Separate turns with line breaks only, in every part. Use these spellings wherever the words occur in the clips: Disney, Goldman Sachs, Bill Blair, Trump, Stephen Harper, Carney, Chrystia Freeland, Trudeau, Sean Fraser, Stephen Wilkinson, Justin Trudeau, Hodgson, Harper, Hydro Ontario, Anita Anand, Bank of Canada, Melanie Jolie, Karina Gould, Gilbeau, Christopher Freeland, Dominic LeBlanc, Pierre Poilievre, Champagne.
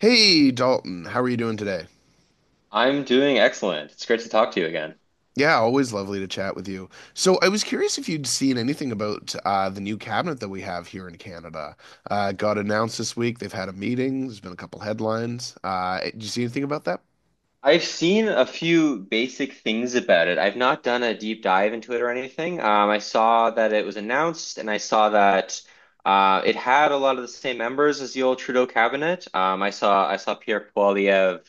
Hey Dalton, how are you doing today?
I'm doing excellent. It's great to talk to you again.
Yeah, always lovely to chat with you. So I was curious if you'd seen anything about the new cabinet that we have here in Canada. It got announced this week. They've had a meeting. There's been a couple headlines. Did you see anything about that?
I've seen a few basic things about it. I've not done a deep dive into it or anything. I saw that it was announced, and I saw that it had a lot of the same members as the old Trudeau cabinet. I saw Pierre Poilievre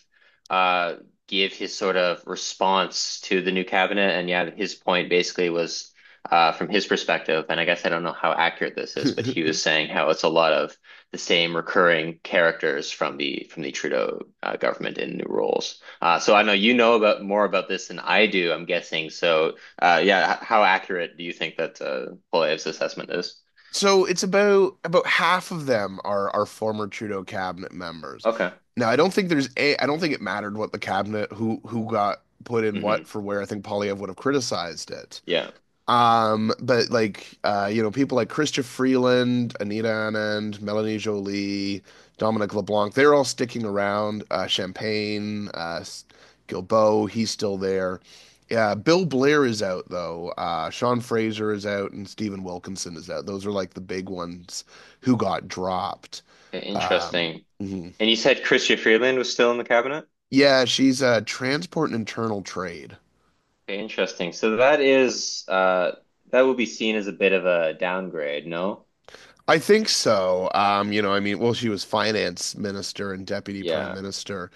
uh, give his sort of response to the new cabinet, and yeah, his point basically was from his perspective, and I guess I don't know how accurate this is, but he was saying how it's a lot of the same recurring characters from the Trudeau government in new roles. So I know you know about more about this than I do, I'm guessing. So, yeah, how accurate do you think that Polyev's assessment is?
So it's about half of them are former Trudeau cabinet members.
Okay.
Now I don't think there's a I don't think it mattered what the cabinet who got put in what
Hmm.
for where. I think Polyev would have criticized it.
Yeah.
But like people like Christopher Freeland, Anita Anand, Melanie Jolie, Dominic LeBlanc, they're all sticking around. Champagne, Gilbeau, he's still there. Yeah, Bill Blair is out though. Sean Fraser is out, and Stephen Wilkinson is out. Those are like the big ones who got dropped.
Okay,
Um,
interesting.
mhm.
And you said Chrystia Freeland was still in the cabinet?
Yeah, she's transport and internal trade.
Okay, interesting. So that is that would be seen as a bit of a downgrade, no?
I think so. You know, I mean, well, she was finance minister and deputy prime
Yeah.
minister.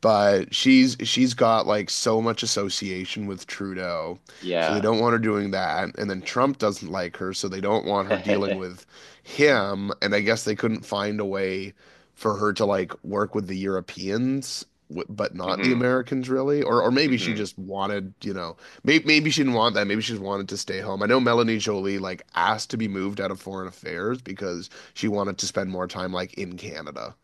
But she's got like so much association with Trudeau, so they
Yeah.
don't want her doing that. And then Trump doesn't like her, so they don't want her dealing with him. And I guess they couldn't find a way for her to like work with the Europeans, but not the
Hmm.
Americans really. Or maybe she
Hmm.
just wanted, you know, maybe she didn't want that. Maybe she just wanted to stay home. I know Melanie Jolie like asked to be moved out of foreign affairs because she wanted to spend more time like in Canada.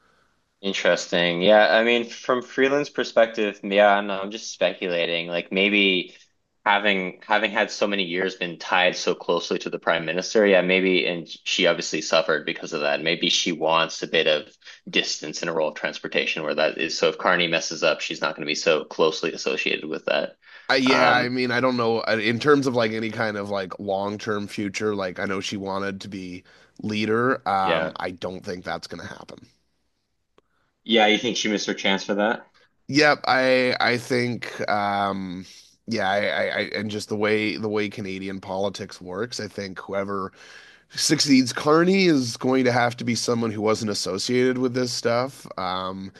Interesting. Yeah, I mean, from freelance perspective, yeah, I don't know, I'm just speculating. Like maybe having had so many years been tied so closely to the prime minister, yeah, maybe, and she obviously suffered because of that. Maybe she wants a bit of distance in a role of transportation where that is. So if Carney messes up, she's not going to be so closely associated with that.
Yeah, I
Um,
mean, I don't know in terms of like any kind of like long-term future, like I know she wanted to be leader.
yeah.
I don't think that's gonna happen.
Yeah, you think she missed her chance for that?
Yep, I think um, yeah, I and just the way Canadian politics works, I think whoever succeeds Carney is going to have to be someone who wasn't associated with this stuff.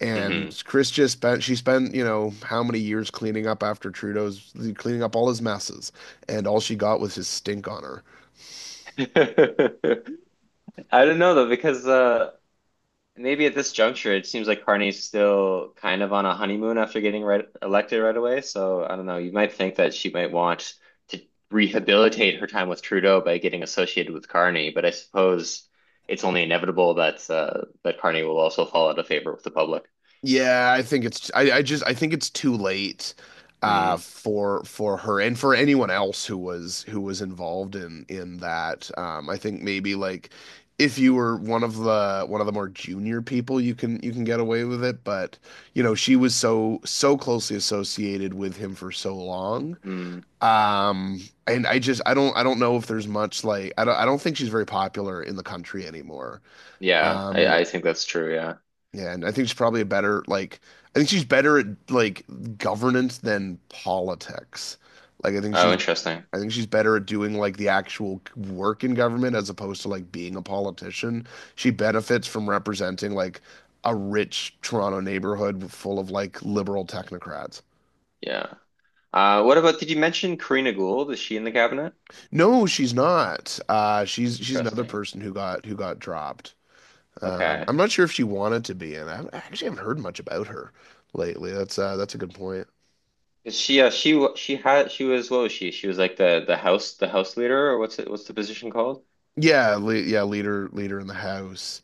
And
Hmm.
Chris just spent she spent you know how many years cleaning up after Trudeau's cleaning up all his messes, and all she got was his stink on her.
I don't know though, because maybe at this juncture, it seems like Carney's still kind of on a honeymoon after getting right, elected right away. So I don't know. You might think that she might want to rehabilitate her time with Trudeau by getting associated with Carney, but I suppose it's only inevitable that that Carney will also fall out of favor with the public.
Yeah, I think it's I just I think it's too late
Mm.
for her and for anyone else who was involved in that. Um, I think maybe like if you were one of the more junior people you can get away with it, but you know, she was so closely associated with him for so long.
Mm,
Um, and I just I don't know if there's much like I don't think she's very popular in the country anymore.
yeah,
Um,
I think that's true. Yeah.
yeah, and I think she's probably a better like I think she's better at like governance than politics. Like
Oh, interesting.
I think she's better at doing like the actual work in government as opposed to like being a politician. She benefits from representing like a rich Toronto neighborhood full of like liberal technocrats.
Yeah. What about, did you mention Karina Gould? Is she in the cabinet?
No, she's not. She's another
Interesting.
person who got dropped.
Okay.
I'm not sure if she wanted to be, in. I haven't- I actually haven't heard much about her lately. That's a good point.
Is she had she was what was she? She was like the the house leader or what's it what's the position called?
Yeah, leader in the house.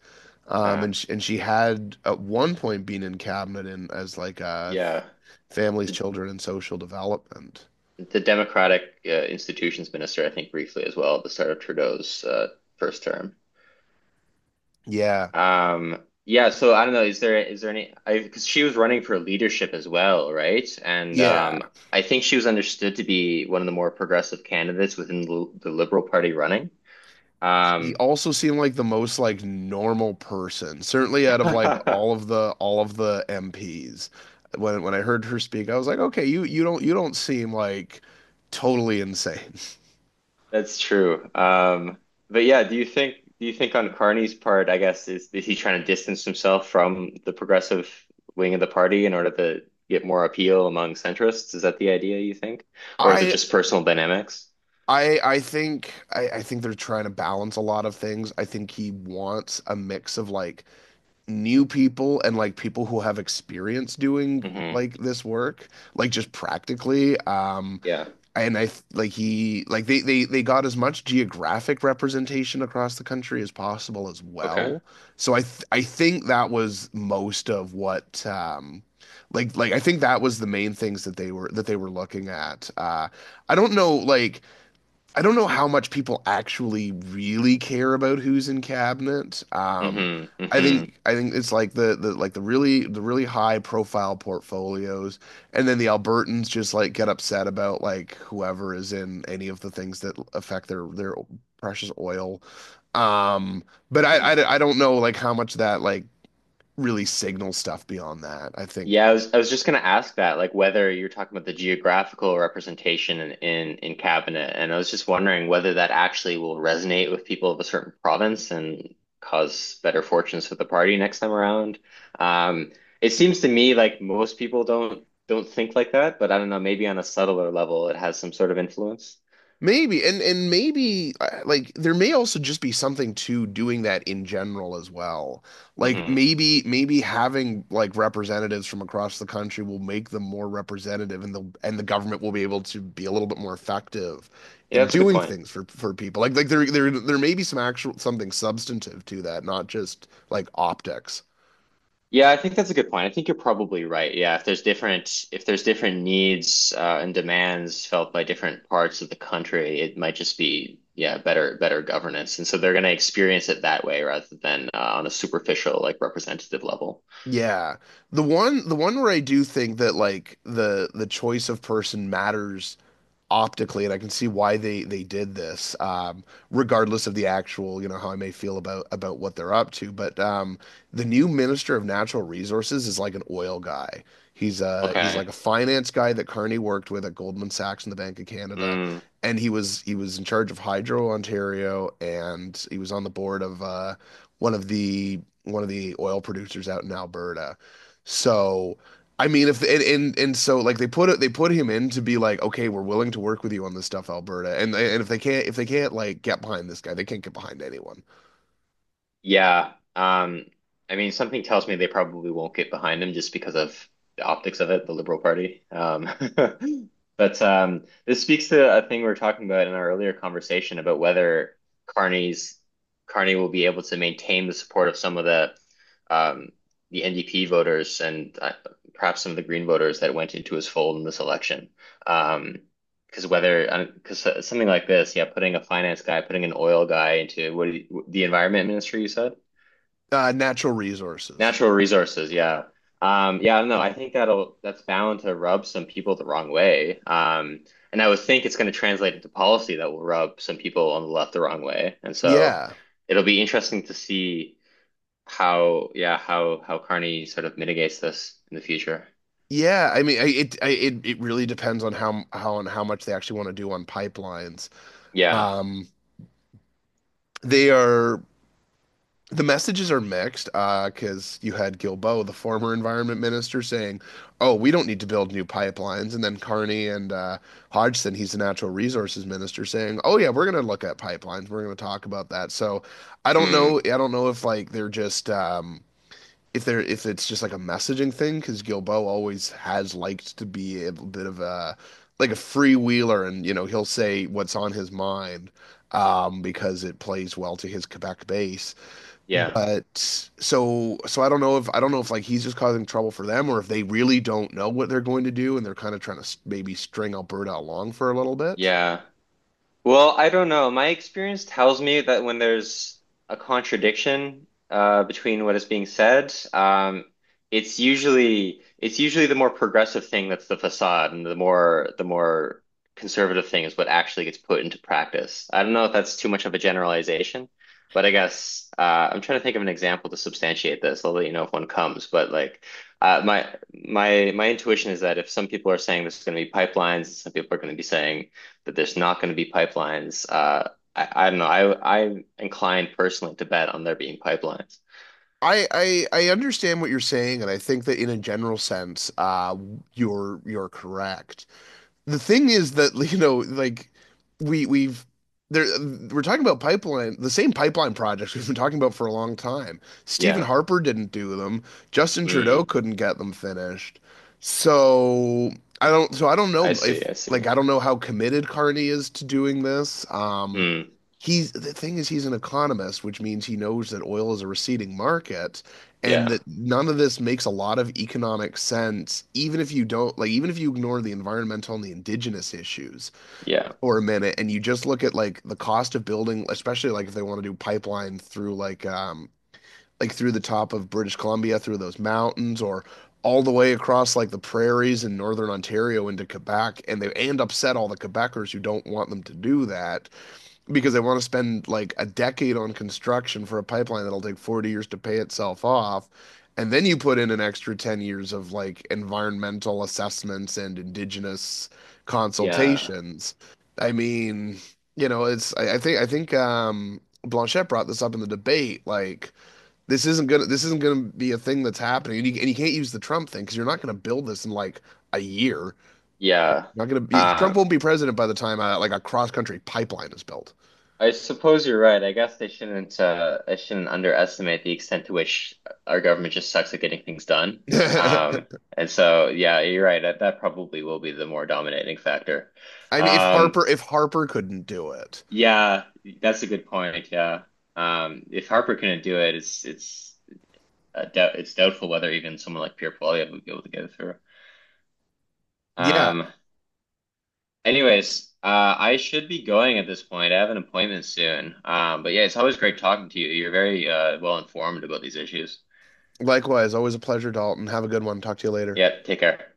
Um,
Okay.
and she had at one point been in cabinet in as like
Yeah.
families,
The
children and social development.
the Democratic Institutions Minister, I think briefly as well at the start of Trudeau's first term.
Yeah.
Um, yeah, so I don't know, is there any I because she was running for leadership as well, right? And
Yeah.
um, I think she was understood to be one of the more progressive candidates within the Liberal Party running.
She
Um.
also seemed like the most like normal person, certainly out of like all of the MPs. When I heard her speak, I was like, "Okay, you you don't seem like totally insane."
That's true. But yeah, do you think on Carney's part, I guess, is he trying to distance himself from the progressive wing of the party in order to get more appeal among centrists? Is that the idea you think? Or is it
I
just personal dynamics?
I think I think they're trying to balance a lot of things. I think he wants a mix of like new people and like people who have experience doing
Hmm.
like this work, like just practically.
Yeah.
And I like he like they got as much geographic representation across the country as possible as
Okay.
well. So I th I think that was most of what like I think that was the main things that they were looking at. I don't know like. I don't know how much people actually really care about who's in cabinet.
Hmm. Hmm.
I think it's like the like the really high profile portfolios, and then the Albertans just like get upset about like whoever is in any of the things that affect their precious oil. Um, but I don't know like how much that like really signals stuff beyond that. I think
Yeah, I was just gonna ask that, like whether you're talking about the geographical representation in cabinet, and I was just wondering whether that actually will resonate with people of a certain province and cause better fortunes for the party next time around. Um, it seems to me like most people don't think like that, but I don't know, maybe on a subtler level, it has some sort of influence.
maybe and maybe like there may also just be something to doing that in general as well. Like
Hmm.
maybe having like representatives from across the country will make them more representative and the government will be able to be a little bit more effective
Yeah,
in
that's a good
doing
point.
things for people. Like there there there may be some actual something substantive to that, not just like optics.
Yeah, I think that's a good point. I think you're probably right. Yeah, if there's different needs and demands felt by different parts of the country, it might just be yeah better governance, and so they're going to experience it that way rather than on a superficial like representative level.
Yeah. The one where I do think that like the choice of person matters optically, and I can see why they did this, regardless of the actual, you know, how I may feel about what they're up to. But the new Minister of Natural Resources is like an oil guy. He's like
Okay.
a finance guy that Carney worked with at Goldman Sachs and the Bank of Canada,
Mm.
and he was in charge of Hydro Ontario, and he was on the board of one of the oil producers out in Alberta. So I mean, if and, and so like they put him in to be like, okay, we're willing to work with you on this stuff, Alberta. And if they can't like get behind this guy, they can't get behind anyone.
Yeah. I mean, something tells me they probably won't get behind him just because of the optics of it, the Liberal Party. Um. But this speaks to a thing we were talking about in our earlier conversation about whether Carney's Carney will be able to maintain the support of some of um, the NDP voters and perhaps some of the Green voters that went into his fold in this election. Um, because whether, because something like this, yeah, putting a finance guy, putting an oil guy into the environment ministry, you said?
Natural resources.
Natural resources, yeah. Yeah, I don't know. I think that'll, that's bound to rub some people the wrong way. And I would think it's going to translate into policy that will rub some people on the left the wrong way. And so
Yeah,
it'll be interesting to see how, yeah, how Carney sort of mitigates this in the future.
yeah. I mean, it really depends on how on how much they actually want to do on pipelines.
Yeah.
Um, they are the messages are mixed, because you had Gilbo, the former environment minister, saying, "Oh, we don't need to build new pipelines," and then Carney and Hodgson, he's the natural resources minister, saying, "Oh yeah, we're going to look at pipelines. We're going to talk about that." So I don't
Hmm.
know. I don't know if like they're just if it's just like a messaging thing because Gilbo always has liked to be a bit of a like a freewheeler, and you know he'll say what's on his mind because it plays well to his Quebec base.
Yeah.
But so I don't know if I don't know if like he's just causing trouble for them or if they really don't know what they're going to do and they're kind of trying to maybe string Alberta along for a little bit.
Yeah. Well, I don't know. My experience tells me that when there's a contradiction between what is being said, it's usually the more progressive thing that's the facade, and the more conservative thing is what actually gets put into practice. I don't know if that's too much of a generalization, but I guess I'm trying to think of an example to substantiate this. I'll let you know if one comes, but like. Uh, my my intuition is that if some people are saying this is going to be pipelines, some people are going to be saying that there's not going to be pipelines. I don't know. I'm inclined personally to bet on there being pipelines.
I understand what you're saying, and I think that in a general sense, you're correct. The thing is that you know like we we've there we're talking about pipeline the same pipeline projects we've been talking about for a long time. Stephen
Yeah.
Harper didn't do them. Justin Trudeau
Mm,
couldn't get them finished. So so I don't
I
know
see.
if
I see.
like I don't know how committed Carney is to doing this. Um,
Mm,
he's the thing is he's an economist, which means he knows that oil is a receding market
yeah.
and that none of this makes a lot of economic sense even if you don't like even if you ignore the environmental and the indigenous issues
Yeah.
for a minute and you just look at like the cost of building, especially like if they want to do pipeline through like through the top of British Columbia through those mountains or all the way across like the prairies in northern Ontario into Quebec and they and upset all the Quebecers who don't want them to do that because they want to spend like a decade on construction for a pipeline that'll take 40 years to pay itself off. And then you put in an extra 10 years of like environmental assessments and indigenous
Yeah.
consultations. I mean, you know, it's I think um, Blanchette brought this up in the debate. Like, this isn't gonna be a thing that's happening. And you can't use the Trump thing because you're not gonna build this in like a year.
Yeah.
You're not gonna be Trump
Uh,
won't be president by the time like a cross country pipeline is built.
I suppose you're right. I guess they shouldn't, I shouldn't underestimate the extent to which our government just sucks at getting things done. Um, and so, yeah, you're right. That, that probably will be the more dominating factor.
I mean,
Um.
if Harper couldn't do it,
Yeah, that's a good point. Yeah. If Harper couldn't do it, it's doubt it's doubtful whether even someone like Pierre Poilievre would be able to get it through.
yeah.
Um, anyways, I should be going at this point. I have an appointment soon. But yeah, it's always great talking to you. You're very well informed about these issues.
Likewise, always a pleasure, Dalton. Have a good one. Talk to you later.
Yeah, take care.